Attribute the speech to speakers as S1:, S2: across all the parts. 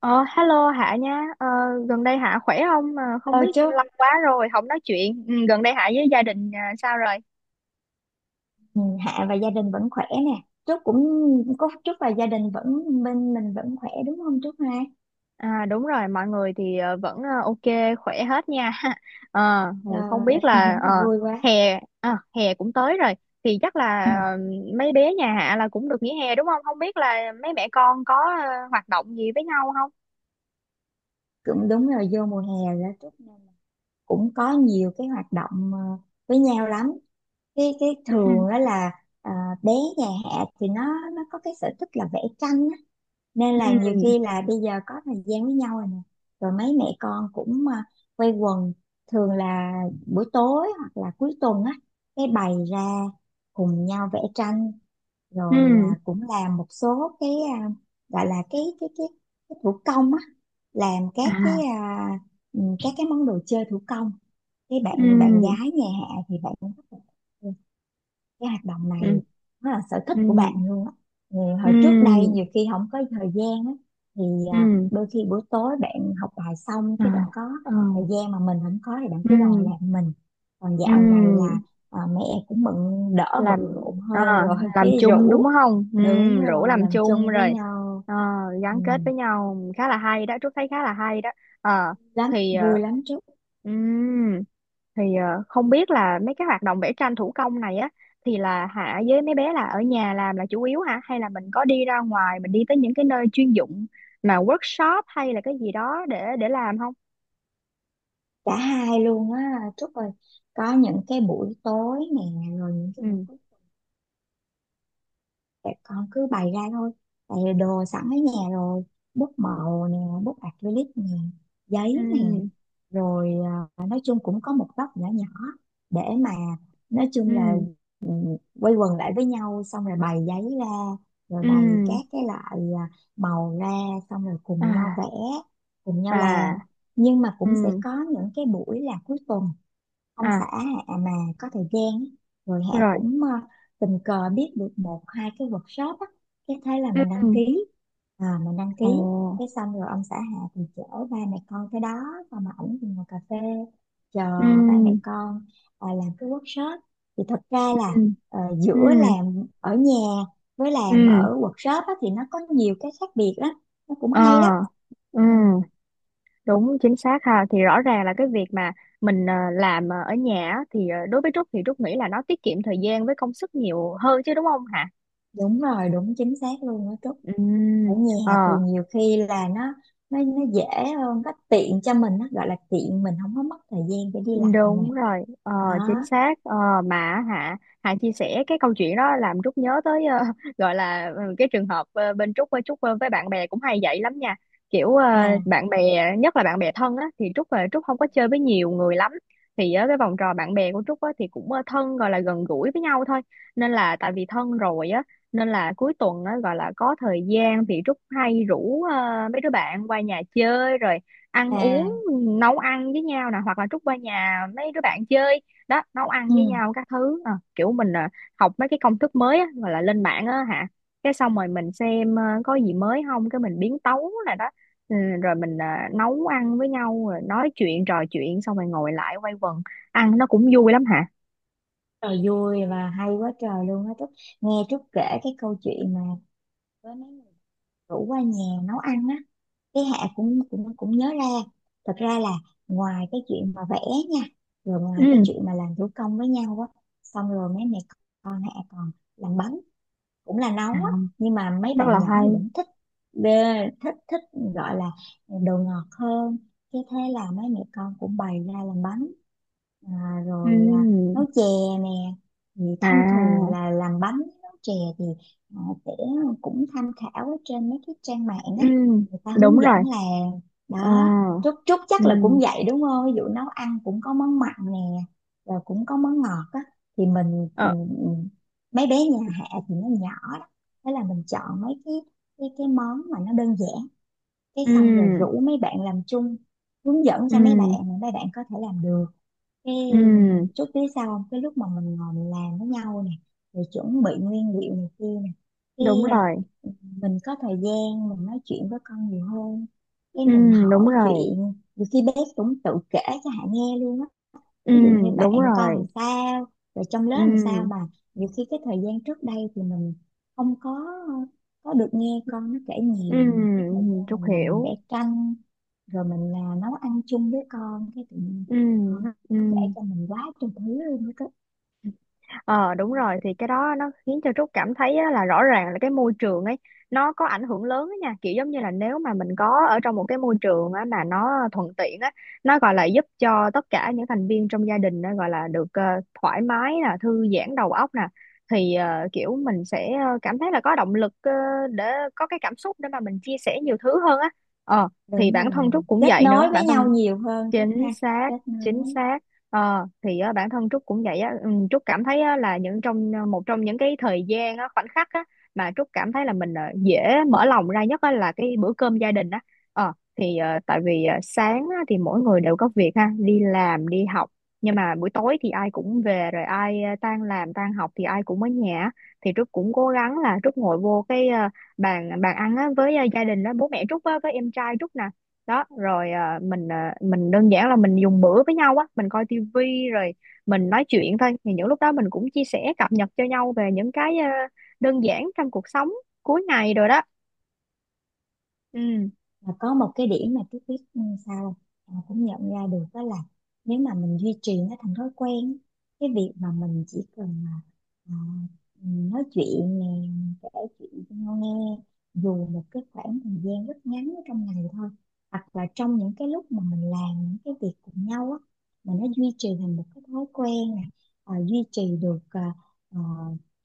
S1: Ờ, Hello Hạ nha. Ờ, Gần đây Hạ khỏe không? Mà không
S2: Ờ,
S1: biết
S2: chúc
S1: lâu quá rồi, không nói chuyện. Ừ, Gần đây Hạ với gia đình à, sao rồi?
S2: ừ, Hạ và gia đình vẫn khỏe nè. Chúc cũng Có chúc và gia đình vẫn bên mình vẫn khỏe đúng không chúc ha?
S1: À, đúng rồi, mọi người thì vẫn ok, khỏe hết nha.
S2: Ờ,
S1: Không biết là
S2: vui quá.
S1: hè, hè cũng tới rồi. Thì chắc
S2: Ừ,
S1: là mấy bé nhà Hạ là cũng được nghỉ hè đúng không? Không biết là mấy mẹ con có hoạt động gì với nhau không?
S2: cũng đúng rồi, vô mùa hè rồi đó Trúc, nên là cũng có nhiều cái hoạt động với nhau lắm. Cái
S1: Ừ,
S2: thường đó là ờ, bé nhà Hạ thì nó có cái sở thích là vẽ tranh á. Nên là nhiều
S1: ừ,
S2: khi là bây giờ có thời gian với nhau rồi nè, rồi mấy mẹ con cũng quây quần, thường là buổi tối hoặc là cuối tuần á, cái bày ra cùng nhau vẽ tranh,
S1: ừ,
S2: rồi cũng làm một số cái à, gọi là cái thủ công á, làm các cái
S1: à,
S2: à, các cái món đồ chơi thủ công. Cái bạn bạn
S1: ừ,
S2: gái nhà Hạ thì bạn cũng rất là cái hoạt động
S1: ừ,
S2: này, nó là sở thích
S1: ừ,
S2: của bạn luôn á, ừ,
S1: ừ,
S2: hồi trước đây nhiều khi không có thời gian á, thì
S1: ừ,
S2: đôi khi buổi tối bạn học bài xong,
S1: à.
S2: cái bạn có
S1: Ờ.
S2: thời gian mà mình không có thì bạn cứ đòi
S1: Ừ,
S2: làm mình. Còn dạo này
S1: ừ.
S2: là mẹ cũng bận đỡ bận
S1: làm
S2: rộn
S1: à,
S2: hơn rồi
S1: làm
S2: cái
S1: chung đúng
S2: rủ
S1: không? Ừ,
S2: đúng
S1: rủ
S2: rồi
S1: làm
S2: làm
S1: chung
S2: chung với
S1: rồi.
S2: nhau.
S1: ờ,
S2: ừ,
S1: Gắn kết với nhau khá là hay đó, Trúc thấy khá là hay đó. Ờ,
S2: Lắm
S1: thì
S2: vui lắm Trúc. Ừ.
S1: ừm, không biết là mấy cái hoạt động vẽ tranh thủ công này á, thì là hả, với mấy bé là ở nhà làm là chủ yếu hả, hay là mình có đi ra ngoài mình đi tới những cái nơi chuyên dụng mà workshop hay là cái gì đó để làm không?
S2: Cả hai luôn á Trúc ơi, có những cái buổi tối nè, rồi những cái buổi
S1: Ừ,
S2: tại con cứ bày ra thôi, tại vì đồ sẵn ở nhà rồi, bút màu nè, bút acrylic nè,
S1: ừ,
S2: giấy nè, rồi nói chung cũng có một góc nhỏ nhỏ để mà, nói chung là,
S1: ừ,
S2: ừ, quây quần lại với nhau, xong rồi bày giấy ra, rồi bày
S1: ừ,
S2: các cái loại màu ra, xong rồi
S1: à,
S2: cùng nhau vẽ, cùng nhau
S1: à,
S2: làm. Nhưng mà
S1: ừ,
S2: cũng sẽ có những cái buổi là cuối tuần, ông xã
S1: à,
S2: Hạ mà có thời gian á, rồi Hạ
S1: rồi,
S2: cũng tình cờ biết được một hai cái workshop á, cái thế là
S1: ừ,
S2: mình đăng ký, à, mình đăng
S1: ồ,
S2: ký cái xong rồi ông xã Hạ thì chở ba mẹ con tới đó, xong mà ảnh thì ngồi cà phê chờ ba mẹ
S1: ừ,
S2: con làm cái workshop. Thì thật ra là,
S1: ừ, ừ,
S2: giữa làm ở nhà với làm
S1: ừ,
S2: ở workshop á, thì nó có nhiều cái khác biệt đó, nó cũng
S1: ờ,
S2: hay đó.
S1: ừ.
S2: Ừ.
S1: Đúng, chính xác ha. Thì rõ ràng là cái việc mà mình làm ở nhà á, thì đối với Trúc thì Trúc nghĩ là nó tiết kiệm thời gian với công sức nhiều hơn chứ đúng không hả?
S2: Đúng rồi, đúng chính xác luôn đó Trúc.
S1: Ừ,
S2: Ở
S1: ờ.
S2: nhà thì nhiều khi là nó dễ hơn, nó tiện cho mình, nó gọi là tiện, mình không có mất thời gian để đi lại nè,
S1: Đúng rồi, chính
S2: đó.
S1: xác. Ờ, mà Hạ Hạ chia sẻ cái câu chuyện đó làm Trúc nhớ tới gọi là cái trường hợp bên Trúc với Trúc với bạn bè cũng hay vậy lắm nha. Kiểu
S2: à
S1: bạn bè, nhất là bạn bè thân á thì Trúc không có chơi với nhiều người lắm. Thì cái vòng tròn bạn bè của Trúc á, thì cũng thân, gọi là gần gũi với nhau thôi. Nên là tại vì thân rồi á, nên là cuối tuần á, gọi là có thời gian thì Trúc hay rủ mấy đứa bạn qua nhà chơi rồi ăn uống,
S2: à
S1: nấu ăn với nhau nè, hoặc là trút qua nhà mấy đứa bạn chơi. Đó, nấu ăn
S2: ừ.
S1: với nhau các thứ à, kiểu mình à, học mấy cái công thức mới á, gọi là lên mạng á hả. Cái xong rồi mình xem có gì mới không, cái mình biến tấu là đó. ừ, Rồi mình à, nấu ăn với nhau rồi nói chuyện, trò chuyện, xong rồi ngồi lại quây quần ăn, nó cũng vui lắm hả.
S2: Trời, vui và hay quá trời luôn á Trúc. Nghe Trúc kể cái câu chuyện mà với mấy người rủ qua nhà nấu ăn á, cái Hạ cũng cũng cũng nhớ ra. Thật ra là ngoài cái chuyện mà vẽ nha, rồi ngoài cái chuyện
S1: Ừ,
S2: mà làm thủ công với nhau á, xong rồi mấy mẹ con Hạ còn làm bánh, cũng là nấu
S1: à,
S2: á, nhưng mà mấy
S1: rất là
S2: bạn nhỏ
S1: hay.
S2: thì vẫn thích, bê- thích thích gọi là đồ ngọt hơn. Cái thế là mấy mẹ con cũng bày ra làm bánh, à,
S1: Ừ,
S2: rồi nấu chè nè. Thì thông thường
S1: à,
S2: là làm bánh, nấu chè thì à, sẽ cũng tham khảo ở trên mấy cái trang mạng á,
S1: ừ,
S2: người ta
S1: đúng
S2: hướng dẫn
S1: rồi.
S2: làm,
S1: Ờ,
S2: đó. Trúc Trúc
S1: ừ,
S2: chắc là cũng vậy đúng không? Ví dụ nấu ăn cũng có món mặn nè, rồi cũng có món ngọt á, thì mình
S1: ờ,
S2: ừ, mấy bé nhà Hạ thì nó nhỏ đó, thế là mình chọn mấy cái món mà nó đơn giản, cái xong rồi
S1: ừ,
S2: rủ mấy bạn làm chung, hướng dẫn cho mấy bạn
S1: ừ,
S2: mà mấy bạn có thể làm được. Cái
S1: ừ.
S2: chút phía sau, cái lúc mà mình ngồi mình làm với nhau nè, rồi chuẩn bị nguyên liệu này kia nè, cái
S1: Đúng
S2: à,
S1: rồi,
S2: mình có thời gian mình nói chuyện với con nhiều hơn, cái
S1: ừ,
S2: mình
S1: đúng
S2: hỏi
S1: rồi,
S2: chuyện, nhiều khi bé cũng tự kể cho Hạ nghe luôn á.
S1: ừ,
S2: Ví dụ như bạn
S1: đúng
S2: con làm
S1: rồi,
S2: sao, rồi trong lớp làm sao
S1: ừ,
S2: mà, nhiều khi cái thời gian trước đây thì mình không có được nghe con nó kể
S1: ừ,
S2: nhiều, mà cái thời gian
S1: Trúc
S2: mình ngồi mình vẽ
S1: hiểu.
S2: tranh, rồi mình là nấu ăn chung với con, cái tự nhiên
S1: Ừ,
S2: con nó
S1: ừ.
S2: kể cho mình quá trời thứ luôn đó cơ.
S1: Ờ Đúng
S2: Ừ.
S1: rồi, thì cái đó nó khiến cho Trúc cảm thấy á, là rõ ràng là cái môi trường ấy nó có ảnh hưởng lớn á nha, kiểu giống như là nếu mà mình có ở trong một cái môi trường á, mà nó thuận tiện á, nó gọi là giúp cho tất cả những thành viên trong gia đình á, gọi là được thoải mái nè, thư giãn đầu óc nè, thì kiểu mình sẽ cảm thấy là có động lực để có cái cảm xúc để mà mình chia sẻ nhiều thứ hơn á. ờ thì
S2: Đúng
S1: bản thân
S2: rồi,
S1: Trúc cũng
S2: kết
S1: vậy nữa,
S2: nối với
S1: bản
S2: nhau
S1: thân.
S2: nhiều hơn chút ha.
S1: Chính xác,
S2: Kết
S1: chính
S2: nối.
S1: xác. Thì á, bản thân Trúc cũng vậy á. Ừ, Trúc cảm thấy á, là những trong một trong những cái thời gian á, khoảnh khắc á, mà Trúc cảm thấy là mình dễ mở lòng ra nhất á, là cái bữa cơm gia đình á. Tại vì sáng á, thì mỗi người đều có việc ha, đi làm đi học. Nhưng mà buổi tối thì ai cũng về rồi, ai tan làm tan học thì ai cũng ở nhà á. Thì Trúc cũng cố gắng là Trúc ngồi vô cái bàn bàn ăn á, với gia đình, đó bố mẹ Trúc á, với em trai Trúc nè. Đó rồi à, mình đơn giản là mình dùng bữa với nhau á, mình coi tivi rồi mình nói chuyện thôi. Thì những lúc đó mình cũng chia sẻ, cập nhật cho nhau về những cái à, đơn giản trong cuộc sống cuối ngày rồi đó. Ừ,
S2: Mà có một cái điểm mà Tuyết biết sao không? Em cũng nhận ra được, đó là nếu mà mình duy trì nó thành thói quen, cái việc mà mình chỉ cần mà à, nói chuyện nè, mình kể chuyện cho nhau nghe, dù một cái khoảng thời gian rất ngắn ở trong ngày thôi, hoặc là trong những cái lúc mà mình làm những cái việc cùng nhau á, mà nó duy trì thành một cái thói quen nè. Duy trì được ờ,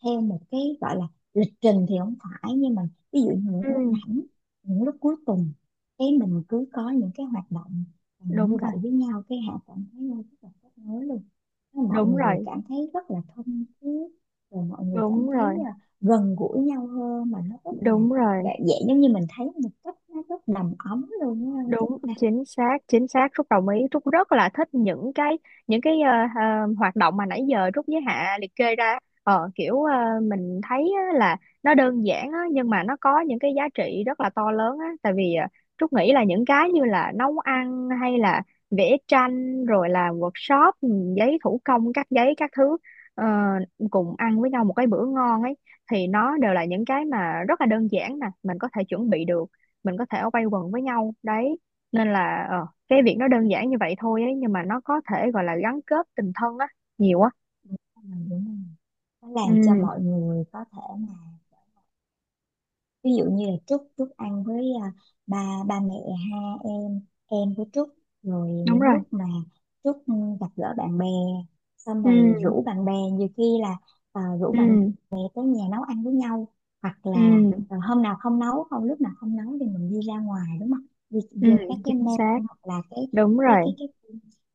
S2: theo một cái gọi là lịch trình thì không phải, nhưng mà ví dụ như những lúc
S1: ừ,
S2: rảnh, những lúc cuối tuần, cái mình cứ có những cái hoạt động
S1: đúng
S2: như vậy
S1: rồi,
S2: với nhau, cái họ cảm thấy là rất là kết nối luôn. Thế mọi
S1: đúng
S2: người
S1: rồi,
S2: cảm thấy rất là thân thiết, rồi mọi người cảm
S1: đúng rồi,
S2: thấy gần gũi nhau hơn, mà nó rất là
S1: đúng rồi.
S2: dễ, giống như mình thấy một cách nó rất đầm ấm luôn á chứ
S1: Đúng,
S2: ha.
S1: chính xác, chính xác, Trúc đồng ý. Trúc rất là thích những cái những cái ờ, hoạt động mà nãy giờ Trúc với Hạ liệt kê ra. Ờ Kiểu mình thấy á là nó đơn giản á, nhưng mà nó có những cái giá trị rất là to lớn á, tại vì Trúc nghĩ là những cái như là nấu ăn hay là vẽ tranh rồi làm workshop, giấy thủ công, cắt giấy các thứ, ờ, cùng ăn với nhau một cái bữa ngon ấy thì nó đều là những cái mà rất là đơn giản nè, mình có thể chuẩn bị được, mình có thể quay quần với nhau đấy. Nên là cái việc nó đơn giản như vậy thôi ấy, nhưng mà nó có thể gọi là gắn kết tình thân á nhiều á.
S2: Mình đúng không? Nó làm cho
S1: Ừ,
S2: mọi người có thể, ví dụ như là Trúc Trúc ăn với ba ba mẹ ha, em em với Trúc, rồi
S1: đúng
S2: những
S1: rồi,
S2: lúc mà Trúc gặp gỡ bạn bè, xong rồi
S1: ừ,
S2: rủ bạn bè, nhiều khi là à, rủ bạn
S1: ừ,
S2: bè tới nhà nấu ăn với nhau, hoặc là
S1: ừ,
S2: à, hôm nào không nấu không lúc nào không nấu thì mình đi ra ngoài, đúng không, đi
S1: ừ,
S2: vô các cái
S1: chính
S2: mall,
S1: xác,
S2: hoặc là
S1: đúng
S2: cái
S1: rồi,
S2: cái cái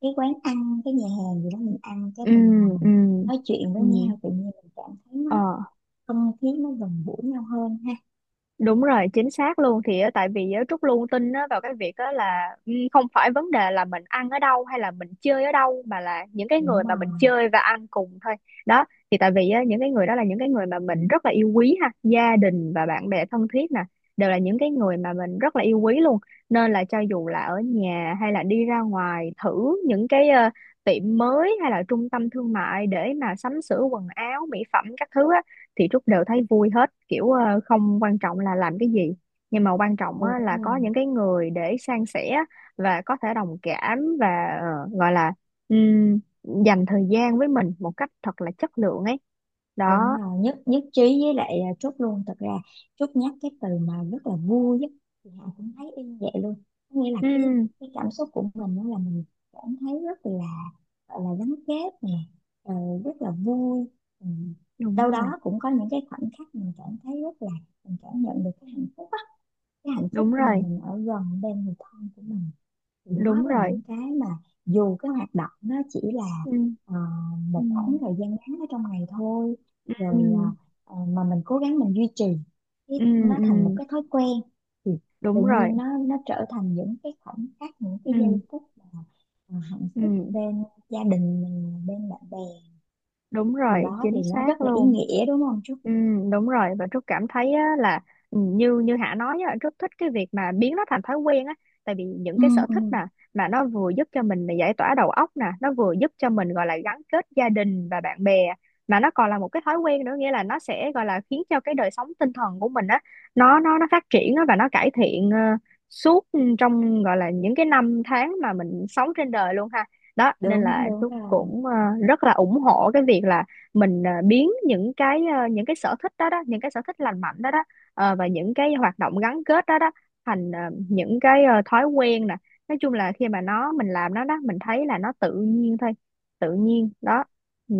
S2: cái quán ăn, cái nhà hàng gì đó, mình ăn, cái
S1: ừ,
S2: mình ngồi
S1: ừ,
S2: mình nói chuyện
S1: ừ,
S2: với nhau, tự nhiên mình cảm thấy nó,
S1: ờ.
S2: không khí nó gần gũi nhau hơn ha.
S1: Đúng rồi, chính xác luôn. Thì á, tại vì á, Trúc luôn tin á, vào cái việc á, là không phải vấn đề là mình ăn ở đâu hay là mình chơi ở đâu, mà là những cái người
S2: Đúng
S1: mà mình
S2: rồi,
S1: chơi và ăn cùng thôi. Đó, thì tại vì á, những cái người đó là những cái người mà mình rất là yêu quý ha, gia đình và bạn bè thân thiết nè, đều là những cái người mà mình rất là yêu quý luôn. Nên là cho dù là ở nhà hay là đi ra ngoài thử những cái tiệm mới hay là trung tâm thương mại để mà sắm sửa quần áo, mỹ phẩm các thứ á, thì Trúc đều thấy vui hết, kiểu không quan trọng là làm cái gì, nhưng mà quan trọng
S2: đúng
S1: á, là có
S2: rồi,
S1: những cái người để san sẻ và có thể đồng cảm và gọi là ừm, dành thời gian với mình một cách thật là chất lượng ấy đó.
S2: đúng rồi. Nhất nhất trí với lại Trúc luôn. Thật ra Trúc nhắc cái từ mà rất là vui á, thì Hạ cũng thấy y như vậy luôn. Có nghĩa là cái
S1: Ừ,
S2: cái cảm xúc của mình, đó là mình cảm thấy rất là, gọi là gắn kết nè. ờ, Rất là vui. Ừ.
S1: đúng
S2: Đâu
S1: rồi,
S2: đó cũng có những cái khoảnh khắc mình cảm thấy rất là, mình cảm nhận được cái hạnh phúc á, cái hạnh phúc
S1: đúng
S2: khi mà
S1: rồi,
S2: mình ở gần bên người thân của mình. Thì đó
S1: đúng
S2: là
S1: rồi,
S2: những cái mà dù cái hoạt động nó chỉ là
S1: ừ,
S2: ờ,
S1: ừ,
S2: một khoảng thời gian ngắn ở trong ngày thôi,
S1: ừ,
S2: rồi mà mình cố gắng mình duy trì cái
S1: ừ,
S2: nó
S1: ừ,
S2: thành một cái thói quen, thì tự
S1: đúng rồi,
S2: nhiên nó trở thành những cái khoảnh khắc, những cái giây
S1: ừ,
S2: phút mà hạnh phúc
S1: ừ,
S2: bên gia đình mình, bên bạn bè.
S1: đúng
S2: Điều
S1: rồi,
S2: đó thì
S1: chính
S2: nó
S1: xác
S2: rất là ý
S1: luôn.
S2: nghĩa, đúng không Trúc?
S1: Ừ, đúng rồi. Và Trúc cảm thấy á, là như như Hạ nói á, Trúc thích cái việc mà biến nó thành thói quen á, tại vì những
S2: Ừ,
S1: cái sở
S2: ừ,
S1: thích mà nó vừa giúp cho mình là giải tỏa đầu óc nè, nó vừa giúp cho mình gọi là gắn kết gia đình và bạn bè, mà nó còn là một cái thói quen nữa, nghĩa là nó sẽ gọi là khiến cho cái đời sống tinh thần của mình á, nó phát triển á, và nó cải thiện suốt trong gọi là những cái năm tháng mà mình sống trên đời luôn ha. Đó nên
S2: đúng,
S1: là
S2: đúng
S1: Trúc
S2: rồi.
S1: cũng rất là ủng hộ cái việc là mình à, biến những cái sở thích đó đó, những cái sở thích lành mạnh đó đó, và những cái hoạt động gắn kết đó đó thành à, những cái à, thói quen nè. Nói chung là khi mà nó mình làm nó đó, mình thấy là nó tự nhiên thôi, tự nhiên đó. Ừ.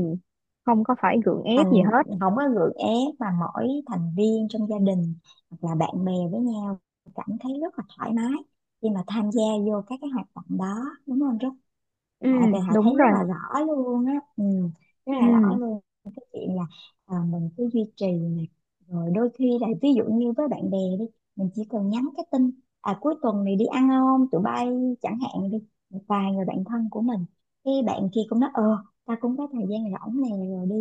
S1: Không có phải gượng ép gì
S2: thành
S1: hết.
S2: Không có gượng ép, mà mỗi thành viên trong gia đình hoặc là bạn bè với nhau cảm thấy rất là thoải mái khi mà tham gia vô các cái hoạt động đó, đúng không?
S1: Ừ,
S2: Dạ thì họ
S1: đúng
S2: thấy rất
S1: rồi,
S2: là rõ luôn á, rất là rõ
S1: ừ,
S2: luôn. Cái chuyện là mình cứ duy trì này, rồi đôi khi là ví dụ như với bạn bè đi, mình chỉ cần nhắn cái tin: à, cuối tuần này đi ăn không tụi bay, chẳng hạn đi, một vài người bạn thân của mình, cái bạn kia cũng nói: ờ, ta cũng có thời gian rỗng này, rồi đi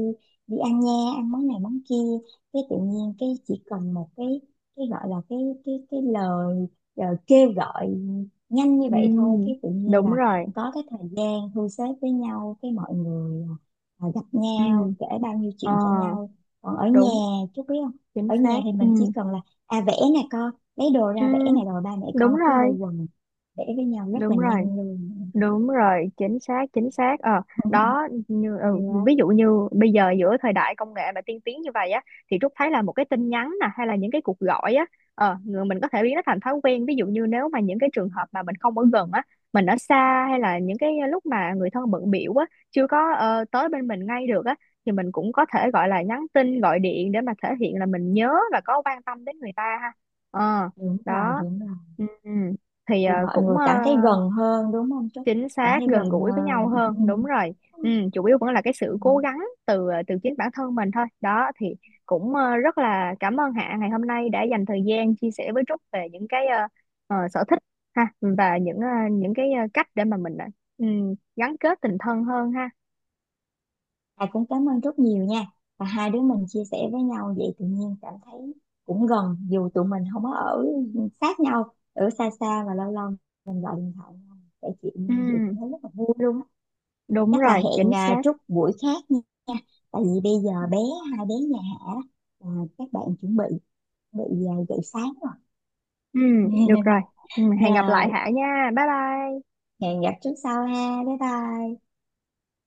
S2: đi ăn nha, ăn món này món kia. Cái tự nhiên, cái chỉ cần một cái gọi là, cái lời kêu gọi nhanh như
S1: ừ,
S2: vậy thôi, cái tự nhiên
S1: đúng
S2: là
S1: rồi,
S2: có cái thời gian thu xếp với nhau, cái mọi người gặp
S1: ừ,
S2: nhau, kể bao nhiêu
S1: ờ,
S2: chuyện cho nhau. Còn ở nhà,
S1: đúng,
S2: chú biết không,
S1: chính
S2: ở nhà
S1: xác,
S2: thì
S1: ừ,
S2: mình chỉ cần là, vẽ nè, con lấy đồ
S1: ừ,
S2: ra vẽ này, rồi ba mẹ
S1: đúng
S2: con cứ quây
S1: rồi,
S2: quần vẽ với nhau rất là
S1: đúng rồi.
S2: nhanh luôn.
S1: Đúng rồi, chính xác, chính xác. Ờ, Đó,
S2: Hay
S1: ví
S2: á.
S1: dụ như bây giờ giữa thời đại công nghệ mà tiên tiến như vậy á, thì Trúc thấy là một cái tin nhắn nè, hay là những cái cuộc gọi á, người mình có thể biến nó thành thói quen. Ví dụ như nếu mà những cái trường hợp mà mình không ở gần á, mình ở xa hay là những cái lúc mà người thân bận biểu á, chưa có tới bên mình ngay được á, thì mình cũng có thể gọi là nhắn tin, gọi điện để mà thể hiện là mình nhớ và có quan tâm đến người ta ha. Ờ,
S2: Đúng rồi,
S1: đó.
S2: đúng rồi.
S1: Ừ, ừ. Thì
S2: Thì mọi
S1: cũng
S2: người cảm thấy gần hơn, đúng không chú,
S1: chính
S2: cảm
S1: xác,
S2: thấy
S1: gần
S2: gần
S1: gũi với nhau
S2: hơn.
S1: hơn, đúng rồi. Chủ yếu vẫn là cái sự cố gắng từ chính bản thân mình thôi đó, thì cũng rất là cảm ơn Hạ ngày hôm nay đã dành thời gian chia sẻ với Trúc về những cái sở thích ha, và những cái cách để mà mình ừ, gắn kết tình thân hơn ha.
S2: À, cũng cảm ơn rất nhiều nha. Và hai đứa mình chia sẻ với nhau vậy tự nhiên cảm thấy cũng gần, dù tụi mình không có ở sát nhau, ở xa xa và lâu lâu mình gọi điện thoại nhau, kể chuyện
S1: Ừ,
S2: nhau vậy cảm thấy rất là vui luôn á.
S1: đúng
S2: Chắc là
S1: rồi,
S2: hẹn
S1: chính xác.
S2: chút buổi khác nha. Tại vì bây giờ hai bé nhà Hạ à, các bạn chuẩn bị bị dậy sáng rồi.
S1: Ừ, được rồi. Ừ, hẹn gặp lại
S2: Rồi
S1: Hạ nha, bye bye.
S2: hẹn gặp chút sau ha. Bye bye.